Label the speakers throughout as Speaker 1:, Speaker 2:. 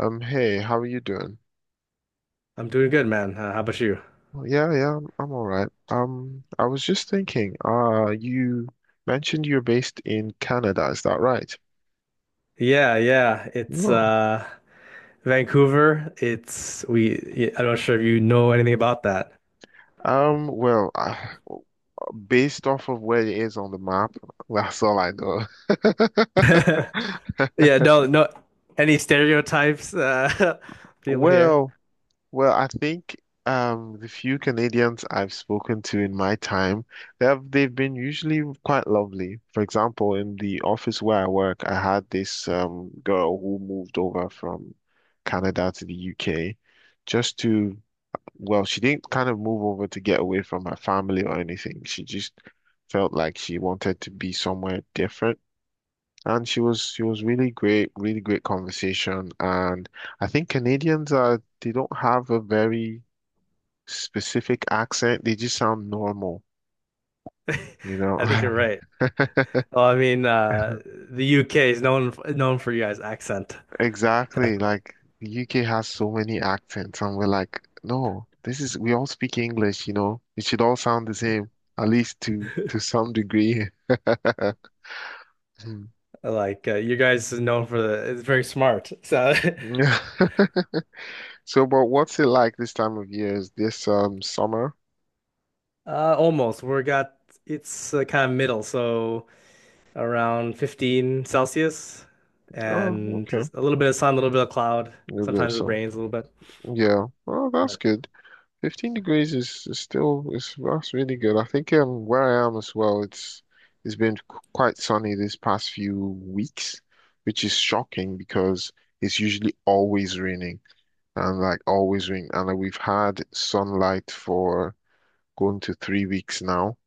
Speaker 1: Hey, how are you doing?
Speaker 2: I'm doing good, man. How about you?
Speaker 1: Yeah, I'm all right. I was just thinking, you mentioned you're based in Canada, is that right?
Speaker 2: Yeah, yeah. It's
Speaker 1: No.
Speaker 2: Vancouver. It's we I'm not sure if you know anything about that.
Speaker 1: Um, well, uh, Based off of where it is on the map, that's all I know.
Speaker 2: Yeah, no, no any stereotypes people here.
Speaker 1: Well, Well, I think the few Canadians I've spoken to in my time, they've been usually quite lovely. For example, in the office where I work, I had this girl who moved over from Canada to the UK just to, well, she didn't kind of move over to get away from her family or anything. She just felt like she wanted to be somewhere different. And she was really great, really great conversation. And I think Canadians are they don't have a very specific accent, they just sound normal, you know?
Speaker 2: I think you're right. Well, I mean, the UK is known for you guys' accent.
Speaker 1: Exactly.
Speaker 2: Definitely.
Speaker 1: Like the UK has so many accents, and we're like, no, this is we all speak English, you know, it should all sound the same, at least to some degree. Hmm.
Speaker 2: Like you guys is known for the it's very smart. So
Speaker 1: So, but what's it like this time of year? Is this summer?
Speaker 2: almost. We got it's kind of middle, so around 15 Celsius
Speaker 1: Oh,
Speaker 2: and
Speaker 1: okay. A
Speaker 2: just a little bit of sun, a little bit of cloud.
Speaker 1: little bit of
Speaker 2: Sometimes it
Speaker 1: sun.
Speaker 2: rains a little bit.
Speaker 1: Yeah. Well, that's
Speaker 2: But
Speaker 1: good. 15 degrees is still is that's really good. I think where I am as well, it's been quite sunny this past few weeks, which is shocking because it's usually always raining and like always rain. And like, we've had sunlight for going to 3 weeks now,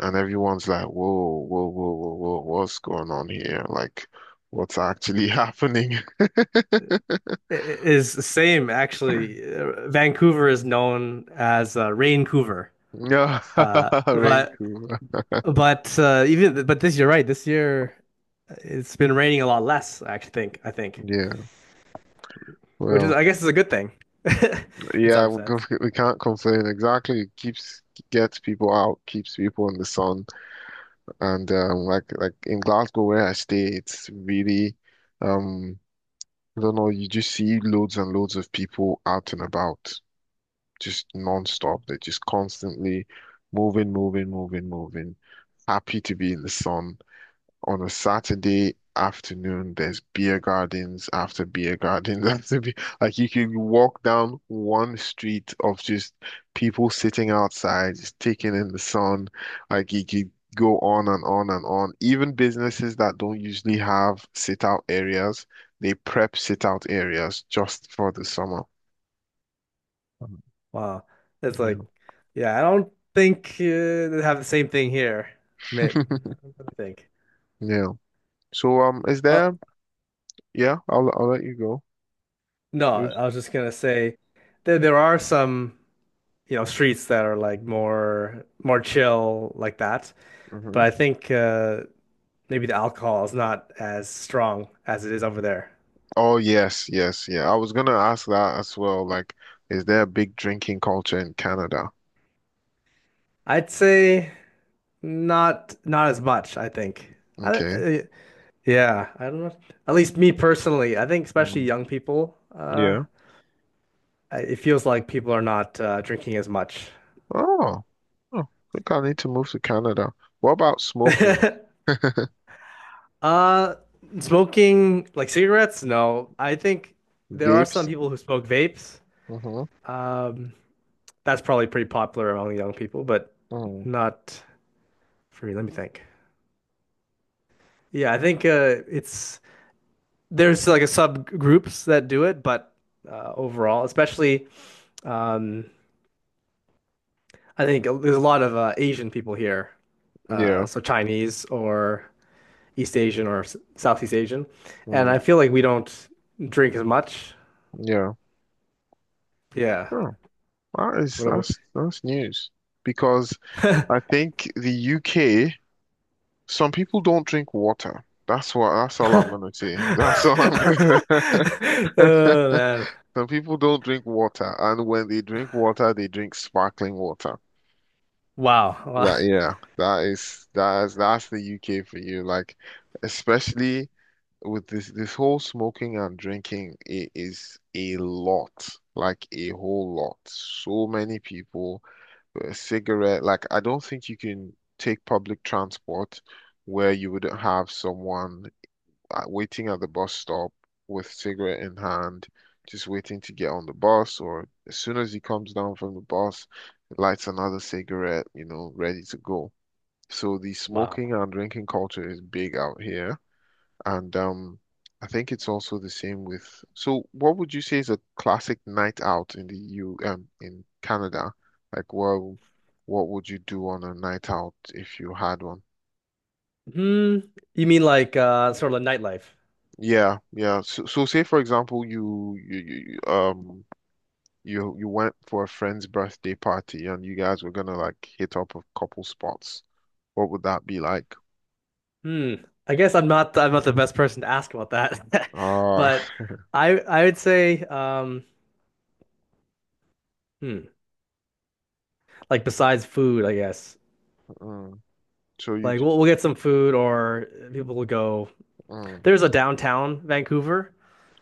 Speaker 1: and everyone's like, whoa, whoa, whoa, whoa, whoa, what's going on here? Like, what's actually happening?
Speaker 2: It is the same, actually. Vancouver is known as Raincouver.
Speaker 1: Yeah,
Speaker 2: Uh,
Speaker 1: rain
Speaker 2: but
Speaker 1: cool.
Speaker 2: but this you're right. This year it's been raining a lot less, I think,
Speaker 1: Yeah,
Speaker 2: which is
Speaker 1: well.
Speaker 2: I guess is a good thing in
Speaker 1: Yeah,
Speaker 2: some
Speaker 1: we
Speaker 2: sense.
Speaker 1: can't we can't complain. Exactly. It keeps gets people out, keeps people in the sun. And like in Glasgow where I stay, it's really um I don't know, you just see loads and loads of people out and about, just non-stop. They're just constantly moving, moving, moving, moving, happy to be in the sun on a Saturday afternoon, there's beer gardens after beer gardens after beer. Like you can walk down one street of just people sitting outside, just taking in the sun. Like you could go on and on and on. Even businesses that don't usually have sit out areas, they prep sit out areas just for the summer.
Speaker 2: Um, Wow. It's
Speaker 1: Yeah.
Speaker 2: like, yeah, I don't think they have the same thing here. May- I think.
Speaker 1: Yeah. So is
Speaker 2: Uh,
Speaker 1: there? Yeah, I'll let you go.
Speaker 2: no,
Speaker 1: Yes.
Speaker 2: I was just gonna say there are some, you know, streets that are like more chill like that. But
Speaker 1: Mhm.
Speaker 2: I think maybe the alcohol is not as strong as it is over there.
Speaker 1: Oh yes, yes, yeah. I was gonna ask that as well. Like, is there a big drinking culture in Canada?
Speaker 2: I'd say not as much, I think. I,
Speaker 1: Okay.
Speaker 2: uh, yeah, I don't know. At least me personally, I think especially
Speaker 1: Mm,
Speaker 2: young people,
Speaker 1: yeah.
Speaker 2: it feels like people are not drinking as much.
Speaker 1: Oh. Oh, I think I need to move to Canada. What about smoking? Vapes?
Speaker 2: Uh, smoking like cigarettes? No, I think there are some people who smoke vapes.
Speaker 1: Mm-hmm.
Speaker 2: Um, that's probably pretty popular among young people, but
Speaker 1: Mm.
Speaker 2: not for me. Let me think. Yeah, I think it's. There's like a subgroups that do it, but overall, especially um, I think there's a lot of Asian people here,
Speaker 1: Yeah.
Speaker 2: so Chinese or East Asian or Southeast Asian, and
Speaker 1: Mm.
Speaker 2: I feel like we don't drink as much.
Speaker 1: Yeah.
Speaker 2: Yeah.
Speaker 1: Oh, that is
Speaker 2: What
Speaker 1: that's news. Because I think the UK, some people don't drink water. That's what that's all I'm
Speaker 2: about...
Speaker 1: gonna say. That's all I'm gonna
Speaker 2: Oh man!
Speaker 1: Some people don't drink water, and when they drink water, they drink sparkling water.
Speaker 2: Wow! Wow!
Speaker 1: That yeah, that is that's the UK for you. Like, especially with this whole smoking and drinking, it is a lot, like a whole lot. So many people, a cigarette. Like, I don't think you can take public transport where you wouldn't have someone waiting at the bus stop with cigarette in hand, just waiting to get on the bus, or as soon as he comes down from the bus, lights another cigarette, you know, ready to go. So the
Speaker 2: Wow.
Speaker 1: smoking and drinking culture is big out here, and I think it's also the same with. So, what would you say is a classic night out in the EU, in Canada? Like, well, what would you do on a night out if you had one?
Speaker 2: Hmm. You mean like sort of like nightlife?
Speaker 1: Yeah, yeah. So, so say for example, you went for a friend's birthday party and you guys were gonna like hit up a couple spots. What would that be like?
Speaker 2: Hmm. I guess I'm not the best person to ask about that.
Speaker 1: Ah,
Speaker 2: But I would say hmm like besides food, I guess.
Speaker 1: mm, so you
Speaker 2: Like
Speaker 1: d-
Speaker 2: we'll get some food or people will go.
Speaker 1: mm,
Speaker 2: There's a downtown Vancouver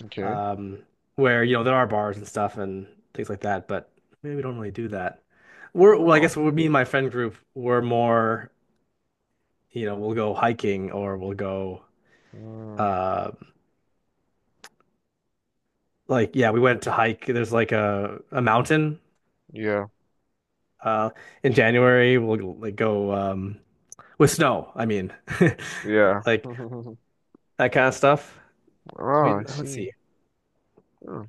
Speaker 1: okay.
Speaker 2: um where you know there are bars and stuff and things like that, but maybe we don't really do that. We're well, I
Speaker 1: Well,
Speaker 2: guess we me and my friend group we're more, you know, we'll go hiking or we'll go
Speaker 1: mm,
Speaker 2: uh like yeah, we went to hike. There's like a mountain
Speaker 1: yeah,
Speaker 2: Uh, in January, we'll like go with snow. I mean,
Speaker 1: yeah.
Speaker 2: like that kind of stuff. We
Speaker 1: Ah, I
Speaker 2: let's
Speaker 1: see.
Speaker 2: see,
Speaker 1: Hmm,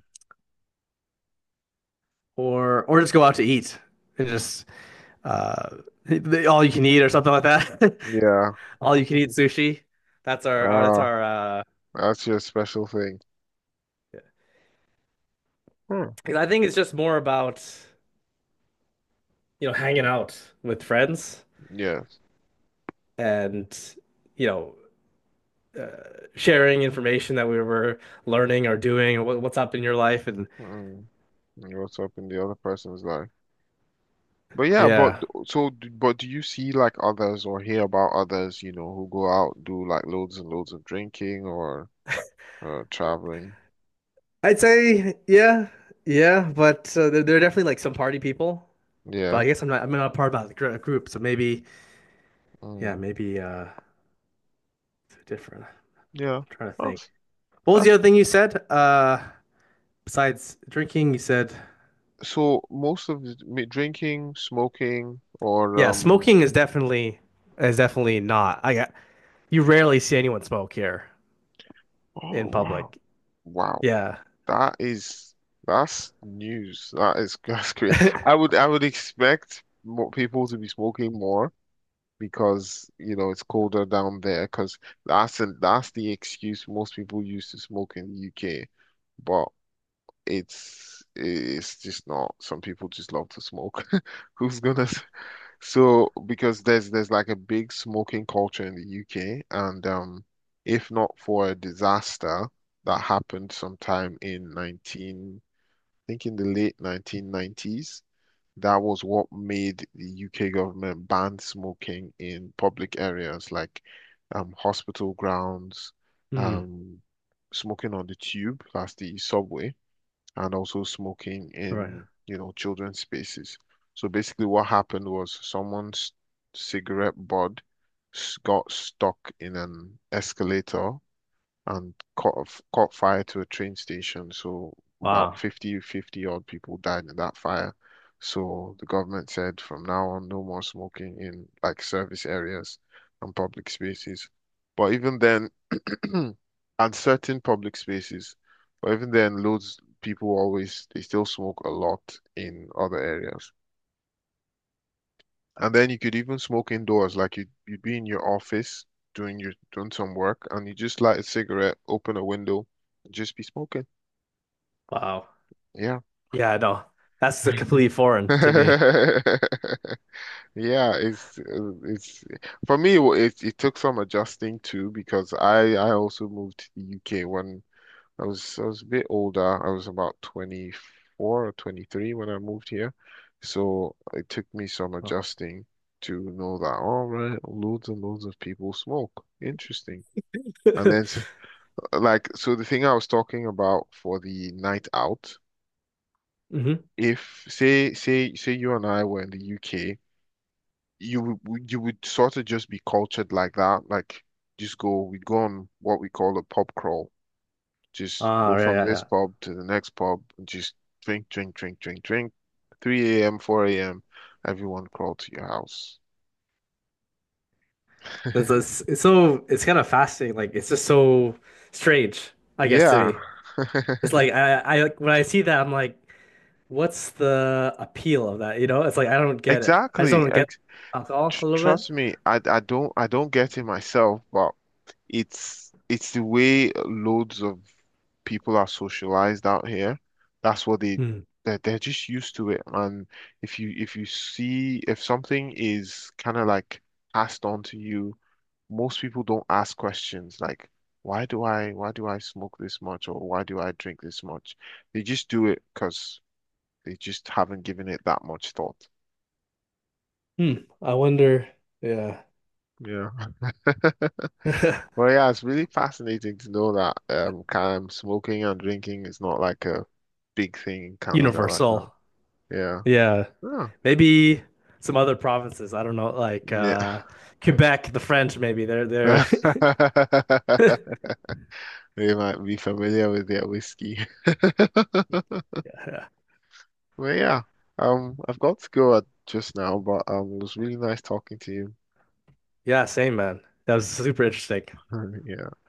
Speaker 2: or just go out to eat and just uh, all you can eat or something like that.
Speaker 1: yeah.
Speaker 2: All you can eat sushi. That's our that's
Speaker 1: Ah,
Speaker 2: our.
Speaker 1: that's your special thing. Hmm.
Speaker 2: 'Cause I think it's just more about you know hanging out with friends
Speaker 1: Yes.
Speaker 2: and you know sharing information that we were learning or doing or what, what's up in your life and
Speaker 1: Mm, and what's up in the other person's life? But yeah, but
Speaker 2: yeah.
Speaker 1: d- so, d- but do you see like others or hear about others, you know, who go out, do like loads and loads of drinking or traveling.
Speaker 2: I'd say yeah, yeah, but there are definitely like some party people. But
Speaker 1: Yeah.
Speaker 2: I guess I'm not a part of that group, so maybe yeah,
Speaker 1: Mm,
Speaker 2: maybe it's different. I'm
Speaker 1: yeah.
Speaker 2: trying to
Speaker 1: Well,
Speaker 2: think. What was the
Speaker 1: that's
Speaker 2: other thing you said? Besides drinking, you said
Speaker 1: so most of the drinking, smoking, or
Speaker 2: yeah,
Speaker 1: um.
Speaker 2: smoking is definitely not. I got you rarely see anyone smoke here
Speaker 1: Oh
Speaker 2: in
Speaker 1: wow,
Speaker 2: public.
Speaker 1: wow.
Speaker 2: Yeah.
Speaker 1: That is that's news. That is that's great. I would expect more people to be smoking more because you know it's colder down there. Because that's the excuse most people use to smoke in the UK. But it's just not. Some people just love to smoke. Who's gonna? So because there's like a big smoking culture in the UK, and if not for a disaster that happened sometime in I think in the late 1990s, that was what made the UK government ban smoking in public areas like hospital grounds,
Speaker 2: Hmm.
Speaker 1: um smoking on the tube, that's the subway and also smoking
Speaker 2: All right.
Speaker 1: in, you know, children's spaces. So basically, what happened was someone's cigarette butt got stuck in an escalator and caught fire to a train station. So about
Speaker 2: Wow.
Speaker 1: 50 odd people died in that fire. So the government said from now on, no more smoking in like service areas and public spaces. But even then, and certain public spaces, but even then, loads people always they still smoke a lot in other areas. And then you could even smoke indoors, like you'd be in your office doing some work, and you just light a cigarette, open a window, and just be smoking.
Speaker 2: Wow.
Speaker 1: Yeah.
Speaker 2: Yeah, no. That's completely foreign to me.
Speaker 1: Yeah, it's for me. It it took some adjusting too because I also moved to the UK when I was a bit older. I was about 24 or 23 when I moved here. So it took me some
Speaker 2: Wow.
Speaker 1: adjusting to know that, all right, loads and loads of people smoke. Interesting. And then, like, so the thing I was talking about for the night out,
Speaker 2: Mm-hmm.
Speaker 1: if say you and I were in the UK, you would sort of just be cultured like that, like just go, we'd go on what we call a pub crawl. Just go
Speaker 2: Oh, yeah,
Speaker 1: from
Speaker 2: yeah,
Speaker 1: this
Speaker 2: yeah.
Speaker 1: pub to the next pub and just drink, drink, drink, drink, drink. 3 a.m., 4 a.m., everyone crawl to your house.
Speaker 2: That's it's, it's so it's kind of fascinating. Like it's just so strange, I guess, to
Speaker 1: Yeah.
Speaker 2: me. It's like I like when I see that, I'm like, what's the appeal of that? You know, it's like I don't get it. I just
Speaker 1: Exactly.
Speaker 2: don't get
Speaker 1: Ex
Speaker 2: alcohol a little bit.
Speaker 1: Trust me, I don't get it myself, but it's the way loads of people are socialized out here. That's what they
Speaker 2: Hmm.
Speaker 1: they're just used to it. And if you see if something is kind of like passed on to you, most people don't ask questions like, why do I smoke this much or why do I drink this much? They just do it because they just haven't given it that much thought.
Speaker 2: Hmm. I wonder. Yeah.
Speaker 1: Yeah. Well, yeah, it's really fascinating to know that kind of smoking and drinking is not like a big thing in Canada like that.
Speaker 2: Universal.
Speaker 1: Yeah.
Speaker 2: Yeah.
Speaker 1: Oh,
Speaker 2: Maybe some other provinces. I don't know, like
Speaker 1: yeah.
Speaker 2: Quebec, the French, maybe. They're
Speaker 1: They might be familiar with their whiskey.
Speaker 2: yeah.
Speaker 1: Well, yeah. I've got to go at just now, but it was really nice talking to you.
Speaker 2: Yeah, same man. That was super interesting.
Speaker 1: Yeah.